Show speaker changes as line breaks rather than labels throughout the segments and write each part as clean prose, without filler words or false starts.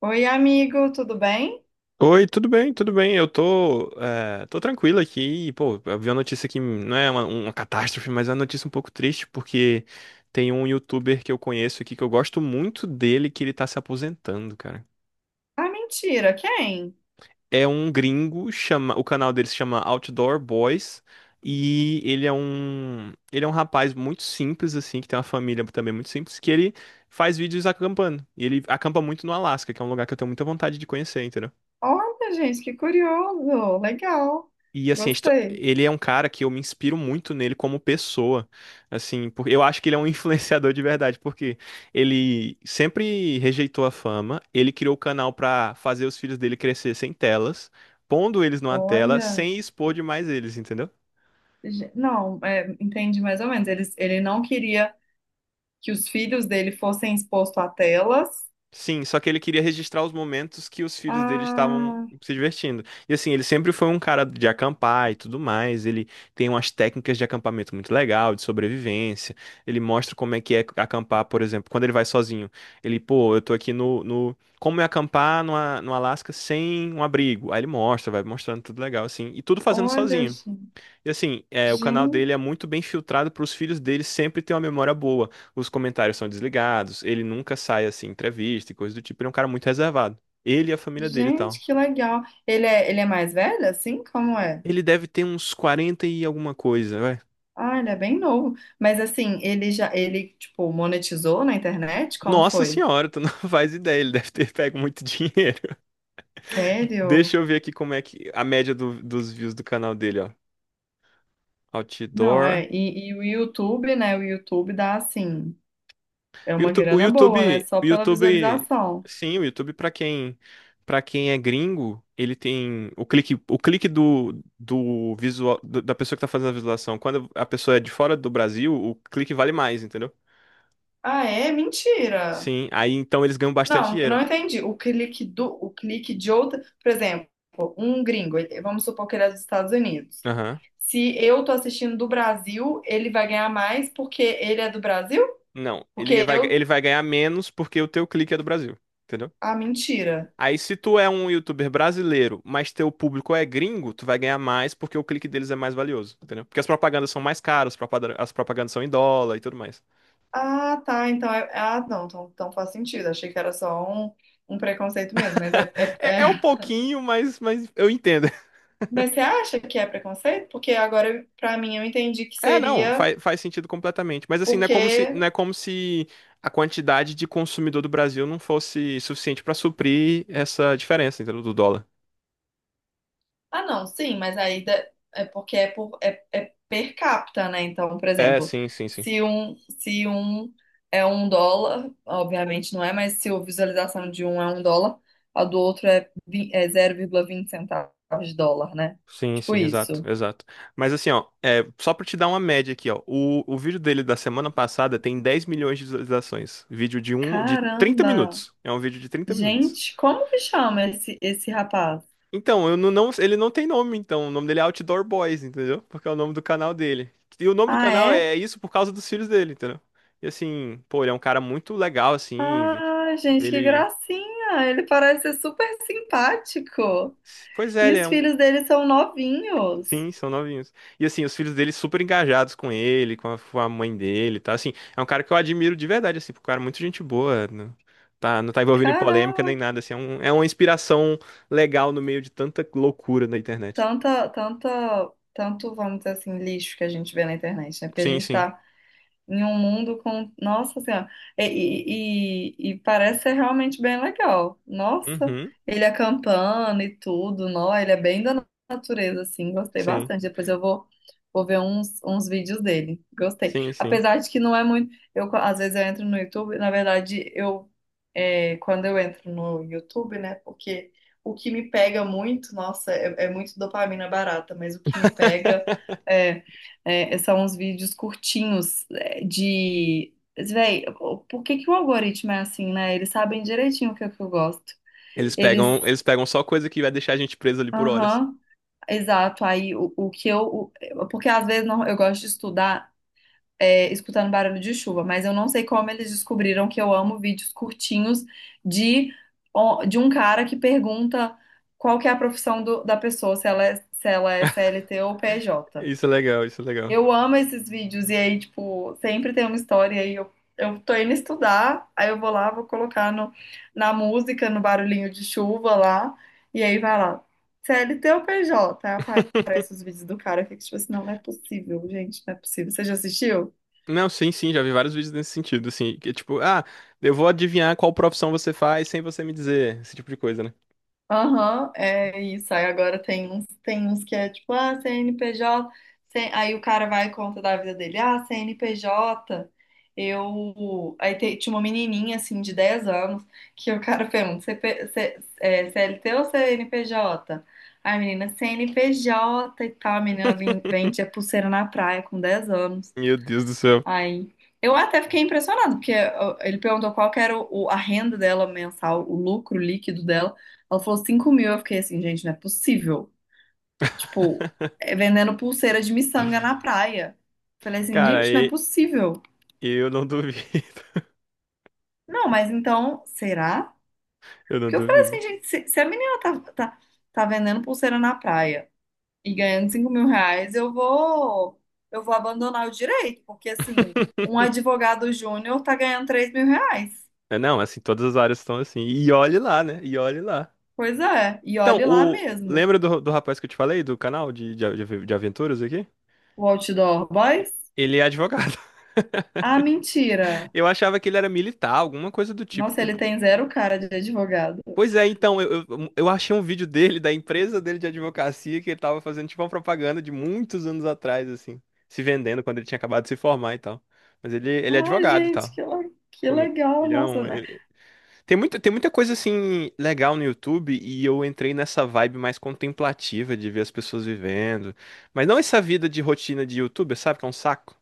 Oi, amigo, tudo bem?
Oi, tudo bem, tudo bem. Eu tô tranquilo aqui. E pô, eu vi uma notícia que não é uma catástrofe, mas é uma notícia um pouco triste, porque tem um youtuber que eu conheço aqui que eu gosto muito dele, que ele tá se aposentando, cara.
Ah, mentira, quem?
É um gringo, chama, o canal dele se chama Outdoor Boys, e ele é um rapaz muito simples, assim, que tem uma família também muito simples, que ele faz vídeos acampando. E ele acampa muito no Alasca, que é um lugar que eu tenho muita vontade de conhecer, entendeu?
Olha, gente, que curioso, legal,
E assim,
gostei.
ele é um cara que eu me inspiro muito nele como pessoa, assim, porque eu acho que ele é um influenciador de verdade, porque ele sempre rejeitou a fama, ele criou o canal pra fazer os filhos dele crescer sem telas, pondo eles numa tela
Olha,
sem expor demais eles, entendeu?
não, entendi mais ou menos. Ele não queria que os filhos dele fossem expostos a telas.
Sim, só que ele queria registrar os momentos que os filhos dele estavam
Ah,
se divertindo. E assim, ele sempre foi um cara de acampar e tudo mais. Ele tem umas técnicas de acampamento muito legal, de sobrevivência. Ele mostra como é que é acampar, por exemplo, quando ele vai sozinho. Ele, pô, eu tô aqui como é acampar no, no Alasca sem um abrigo? Aí ele mostra, vai mostrando tudo legal, assim. E tudo fazendo
olha,
sozinho.
gente,
E assim, é, o canal dele é
gente,
muito bem filtrado para os filhos dele sempre ter uma memória boa. Os comentários são desligados, ele nunca sai assim em entrevista e coisa do tipo. Ele é um cara muito reservado. Ele e a família dele e
gente,
tal.
que legal. Ele é mais velho, assim? Como é?
Ele deve ter uns 40 e alguma coisa, vai.
Ah, ele é bem novo. Mas assim, ele, tipo, monetizou na internet? Como
Nossa
foi?
senhora, tu não faz ideia, ele deve ter pego muito dinheiro. Deixa
Sério?
eu ver aqui como é que a dos views do canal dele, ó.
Não,
Outdoor.
e o YouTube, né? O YouTube dá assim, é
O
uma
Youtu- o
grana boa, né?
YouTube,
Só
o
pela
YouTube,
visualização.
sim, o YouTube para quem é gringo, ele tem o clique do visual da pessoa que tá fazendo a visualização. Quando a pessoa é de fora do Brasil, o clique vale mais, entendeu?
Ah, é? Mentira!
Sim, aí então eles ganham bastante
Não, eu não
dinheiro.
entendi. O clique de outra, por exemplo, um gringo, vamos supor que ele é dos Estados Unidos.
Aham.
Se eu tô assistindo do Brasil, ele vai ganhar mais porque ele é do Brasil?
Não, ele
Porque
vai,
eu.
ele vai ganhar menos porque o teu clique é do Brasil, entendeu?
Ah, mentira.
Aí, se tu é um youtuber brasileiro, mas teu público é gringo, tu vai ganhar mais porque o clique deles é mais valioso, entendeu? Porque as propagandas são mais caras, as propagandas são em dólar e tudo mais.
Ah, tá. Então é. Ah, não, então faz sentido. Achei que era só um preconceito mesmo,
É, é um pouquinho, mas eu entendo.
mas você acha que é preconceito? Porque agora, pra mim, eu entendi que
É, não,
seria
faz sentido completamente. Mas assim, não é como se,
porque.
não é como se a quantidade de consumidor do Brasil não fosse suficiente pra suprir essa diferença, entendeu? Do dólar.
Ah, não, sim, mas aí é porque é per capita, né? Então, por
É,
exemplo,
sim, sim, sim.
se um é um dólar, obviamente não é, mas se a visualização de um é um dólar, a do outro é 0,20 centavos de dólar, né?
Sim,
Tipo
sim, exato,
isso.
exato. Mas assim, ó, é, só pra te dar uma média aqui, ó. O vídeo dele da semana passada tem 10 milhões de visualizações. Vídeo de um, de 30
Caramba!
minutos. É um vídeo de 30 minutos.
Gente, como que chama esse rapaz?
Então, eu não, não- ele não tem nome, então. O nome dele é Outdoor Boys, entendeu? Porque é o nome do canal dele. E o nome do
Ah,
canal
é?
é isso por causa dos filhos dele, entendeu? E assim, pô, ele é um cara muito legal, assim. Vê-
Ah,
vê
gente, que
Ele.
gracinha! Ele parece ser super simpático.
Pois é,
E os filhos dele são novinhos.
sim, são novinhos. E assim, os filhos dele super engajados com ele, com a mãe dele, tá? Assim, é um cara que eu admiro de verdade, assim, porque o cara é muito gente boa, tá, não tá envolvido em polêmica
Caramba,
nem nada, assim, é um- é uma inspiração legal no meio de tanta loucura na internet.
tanta, tanta, tanto, vamos dizer assim, lixo que a gente vê na internet, né? Porque a
Sim,
gente
sim.
tá em um mundo com. Nossa Senhora. E parece ser realmente bem legal. Nossa,
Uhum,
ele acampando e tudo, nó, ele é bem da natureza, assim, gostei
sim,
bastante. Depois eu vou ver uns vídeos dele. Gostei.
sim, sim.
Apesar de que não é muito. Eu, às vezes eu entro no YouTube, na verdade, quando eu entro no YouTube, né? Porque o que me pega muito, nossa, é muito dopamina barata, mas o que me pega é, são uns vídeos curtinhos de. Véi, por que que o algoritmo é assim, né? Eles sabem direitinho o que é que eu gosto. Eles.
Eles pegam só coisa que vai deixar a gente preso ali por horas.
Aham, exato. Aí o que eu. Porque às vezes não, eu gosto de estudar escutando barulho de chuva, mas eu não sei como eles descobriram que eu amo vídeos curtinhos de, ó, de um cara que pergunta qual que é a profissão da pessoa, se ela é CLT ou PJ.
Isso é legal, isso é legal.
Eu amo esses vídeos e aí, tipo, sempre tem uma história e aí eu tô indo estudar, aí eu vou lá, vou colocar no, na música, no barulhinho de chuva lá, e aí vai lá, CLT ou PJ? Aí aparece os vídeos do cara, eu fico tipo assim, não, não é possível, gente, não é possível. Você já assistiu?
Não, sim, sim, já vi vários vídeos nesse sentido, assim, que é tipo, ah, eu vou adivinhar qual profissão você faz sem você me dizer, esse tipo de coisa, né?
Aham, é isso. Aí agora tem uns que é tipo, ah, CNPJ. Aí o cara vai e conta da vida dele. Ah, CNPJ. Eu. Aí tinha uma menininha, assim, de 10 anos, que o cara pergunta: CP, CLT ou CNPJ? Aí a menina, CNPJ e tal. A menina vem vende a pulseira na praia com 10 anos.
Meu Deus do céu.
Aí, eu até fiquei impressionada, porque ó, ele perguntou qual que era a renda dela mensal, o lucro líquido dela. Ela falou 5 mil. Eu fiquei assim, gente, não é possível. Tipo, é vendendo pulseira de miçanga na praia. Falei assim,
Cara,
gente, não é
e-
possível.
eu não duvido.
Não, mas então, será?
Eu não
Porque eu falei assim,
duvido.
gente, se a menina tá vendendo pulseira na praia e ganhando 5 mil reais, eu vou abandonar o direito, porque assim, um advogado júnior tá ganhando 3 mil reais.
É, não, assim, todas as áreas estão assim. E olhe lá, né? E olhe lá.
Pois é, e
Então,
olhe lá
o...
mesmo.
Lembra do, do rapaz que eu te falei, do canal de aventuras aqui?
O Outdoor Boys?
Ele é advogado.
Ah, mentira!
Eu achava que ele era militar, alguma coisa do tipo.
Nossa, ele tem zero cara de advogado.
Pois é, então, eu achei um vídeo dele, da empresa dele de advocacia, que ele tava fazendo tipo uma propaganda de muitos anos atrás, assim, se vendendo quando ele tinha acabado de se formar e tal. Mas ele é
Ai,
advogado e
gente,
tal.
que
Pô, muito-
legal,
ele é
nossa,
um,
né?
ele- tem muita, tem muita coisa assim legal no YouTube e eu entrei nessa vibe mais contemplativa de ver as pessoas vivendo. Mas não essa vida de rotina de YouTuber, sabe? Que é um saco.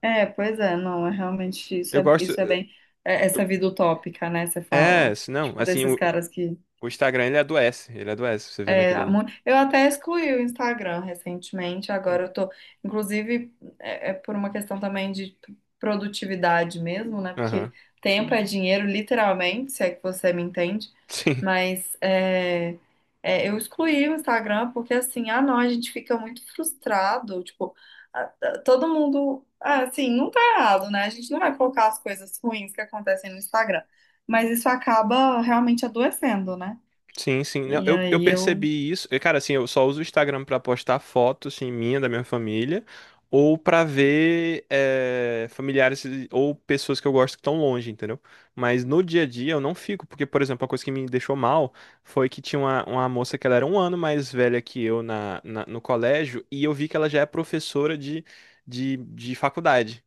É, pois é, não, é realmente isso
Eu
é,
gosto.
isso é bem essa vida utópica, né? Você fala.
É, se não,
Tipo,
assim,
desses caras que.
o Instagram ele adoece, você vendo aquilo ali.
Eu até excluí o Instagram recentemente, agora eu tô, inclusive, é por uma questão também de produtividade mesmo, né? Porque
Aham.
tempo é dinheiro, literalmente, se é que você me entende,
Sim.
mas eu excluí o Instagram porque assim, ah não, a gente fica muito frustrado, tipo, todo mundo, ah, assim, não tá errado, né? A gente não vai colocar as coisas ruins que acontecem no Instagram, mas isso acaba realmente adoecendo, né?
Sim, sim. Não,
E
eu
aí eu.
percebi isso. E cara, assim, eu só uso o Instagram pra postar fotos, assim, da minha família, ou pra ver familiares ou pessoas que eu gosto que estão longe, entendeu? Mas no dia a dia eu não fico, porque, por exemplo, a coisa que me deixou mal foi que tinha uma moça que ela era 1 ano mais velha que eu no colégio, e eu vi que ela já é professora de faculdade.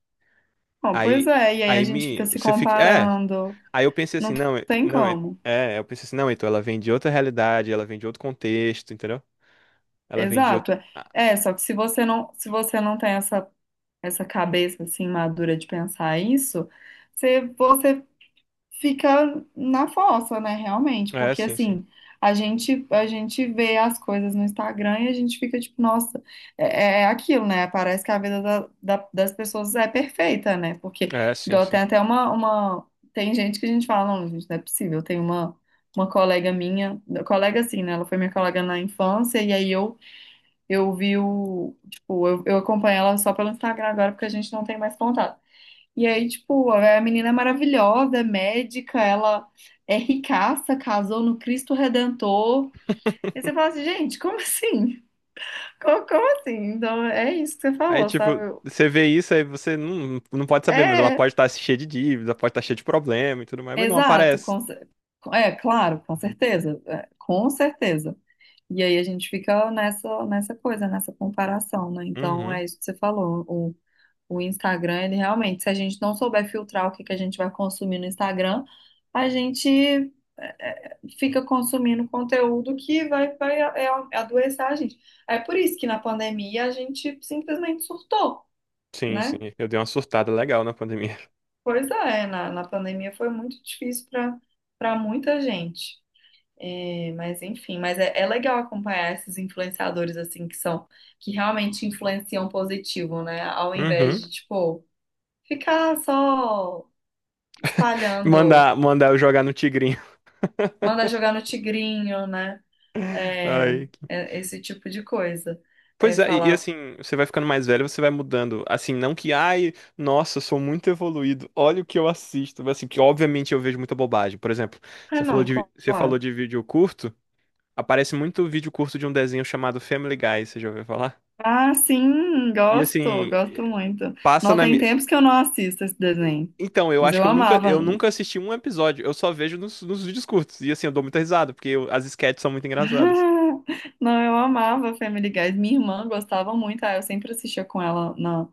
Bom, pois
Aí,
é, e aí a gente fica se
você fica. É.
comparando.
Aí eu pensei
Não
assim, não,
tem
não,
como.
eu pensei assim, não, então ela vem de outra realidade, ela vem de outro contexto, entendeu? Ela vem de outro.
Exato.
Ah,
É, só que se você não tem essa, essa cabeça assim madura de pensar isso, você fica na fossa, né, realmente,
é,
porque
sim, sim.
assim, a gente vê as coisas no Instagram e a gente fica tipo, nossa, é aquilo, né? Parece que a vida das pessoas é perfeita, né? Porque
É, sim,
igual tem
sim.
até uma tem gente que a gente fala, não, gente, não é possível. Tem uma colega minha, colega assim, né? Ela foi minha colega na infância e aí tipo, eu acompanho ela só pelo Instagram agora porque a gente não tem mais contato. E aí, tipo, é a menina é maravilhosa, é médica, ela é ricaça, casou no Cristo Redentor. E você fala assim, gente, como assim? Como assim? Então, é isso que você
Aí,
falou, sabe?
tipo, você vê isso, aí você não pode saber, mas ela
É,
pode estar cheia de dívida, pode estar cheia de problema e tudo mais, mas não
exato,
aparece.
claro, com certeza, é, com certeza. E aí a gente fica nessa coisa, nessa comparação, né? Então,
Uhum.
é isso que você falou, o Instagram, ele realmente, se a gente não souber filtrar o que que a gente vai consumir no Instagram, a gente fica consumindo conteúdo que vai adoecer a gente. É por isso que na pandemia a gente simplesmente surtou,
Sim, sim.
né?
Eu dei uma surtada legal na pandemia.
Pois é, na pandemia foi muito difícil para muita gente. É, mas enfim, mas é legal acompanhar esses influenciadores assim que são que realmente influenciam positivo, né? Ao invés
Uhum.
de tipo ficar só espalhando,
Mandar, mandar eu jogar no Tigrinho.
manda jogar no tigrinho, né? É,
Ai.
é esse tipo de coisa.
Pois
É
é, e
falar,
assim, você vai ficando mais velho, você vai mudando. Assim, não que, ai, nossa, eu sou muito evoluído, olha o que eu assisto. Mas assim, que obviamente eu vejo muita bobagem. Por exemplo,
ah, não,
você falou
claro.
de vídeo curto, aparece muito vídeo curto de um desenho chamado Family Guy, você já ouviu falar?
Ah, sim,
E
gosto,
assim,
gosto muito.
passa
Não
na
tem
minha.
tempos que eu não assisto esse desenho.
Então, eu
Mas
acho
eu
que
amava.
eu nunca assisti um episódio, eu só vejo nos, nos vídeos curtos. E assim, eu dou muita risada, porque as sketches são muito engraçadas.
Não, eu amava Family Guys. Minha irmã gostava muito. Ah, eu sempre assistia com ela na,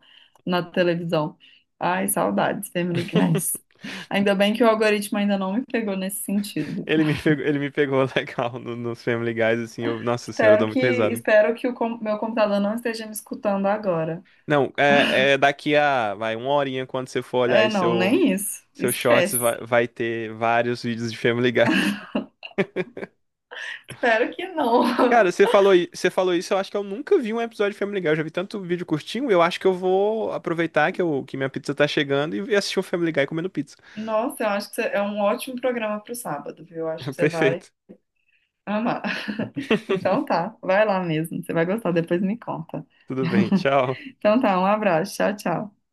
na televisão. Ai, saudades, Family Guys. Ainda bem que o algoritmo ainda não me pegou nesse sentido.
Ele me pegou legal nos Family Guys, assim, eu, nossa senhora, eu
Espero
dou
que,
muita risada.
espero que o meu computador não esteja me escutando agora.
Não, é, é daqui a, vai, uma horinha quando você for olhar
É,
aí
não,
seu,
nem isso.
seu shorts,
Esquece.
vai ter vários vídeos de Family Guy.
Espero que
Cara,
não.
você falou, i- você falou isso, eu acho que eu nunca vi um episódio de Family Guy. Eu já vi tanto vídeo curtinho, eu acho que eu vou aproveitar que, que minha pizza tá chegando e assistir o Family Guy comendo pizza.
Nossa, eu acho que é um ótimo programa pro sábado, viu? Eu acho que você vai
Perfeito.
amar. Então tá, vai lá mesmo. Você vai gostar, depois me conta.
Tudo bem, tchau.
Então tá, um abraço. Tchau, tchau.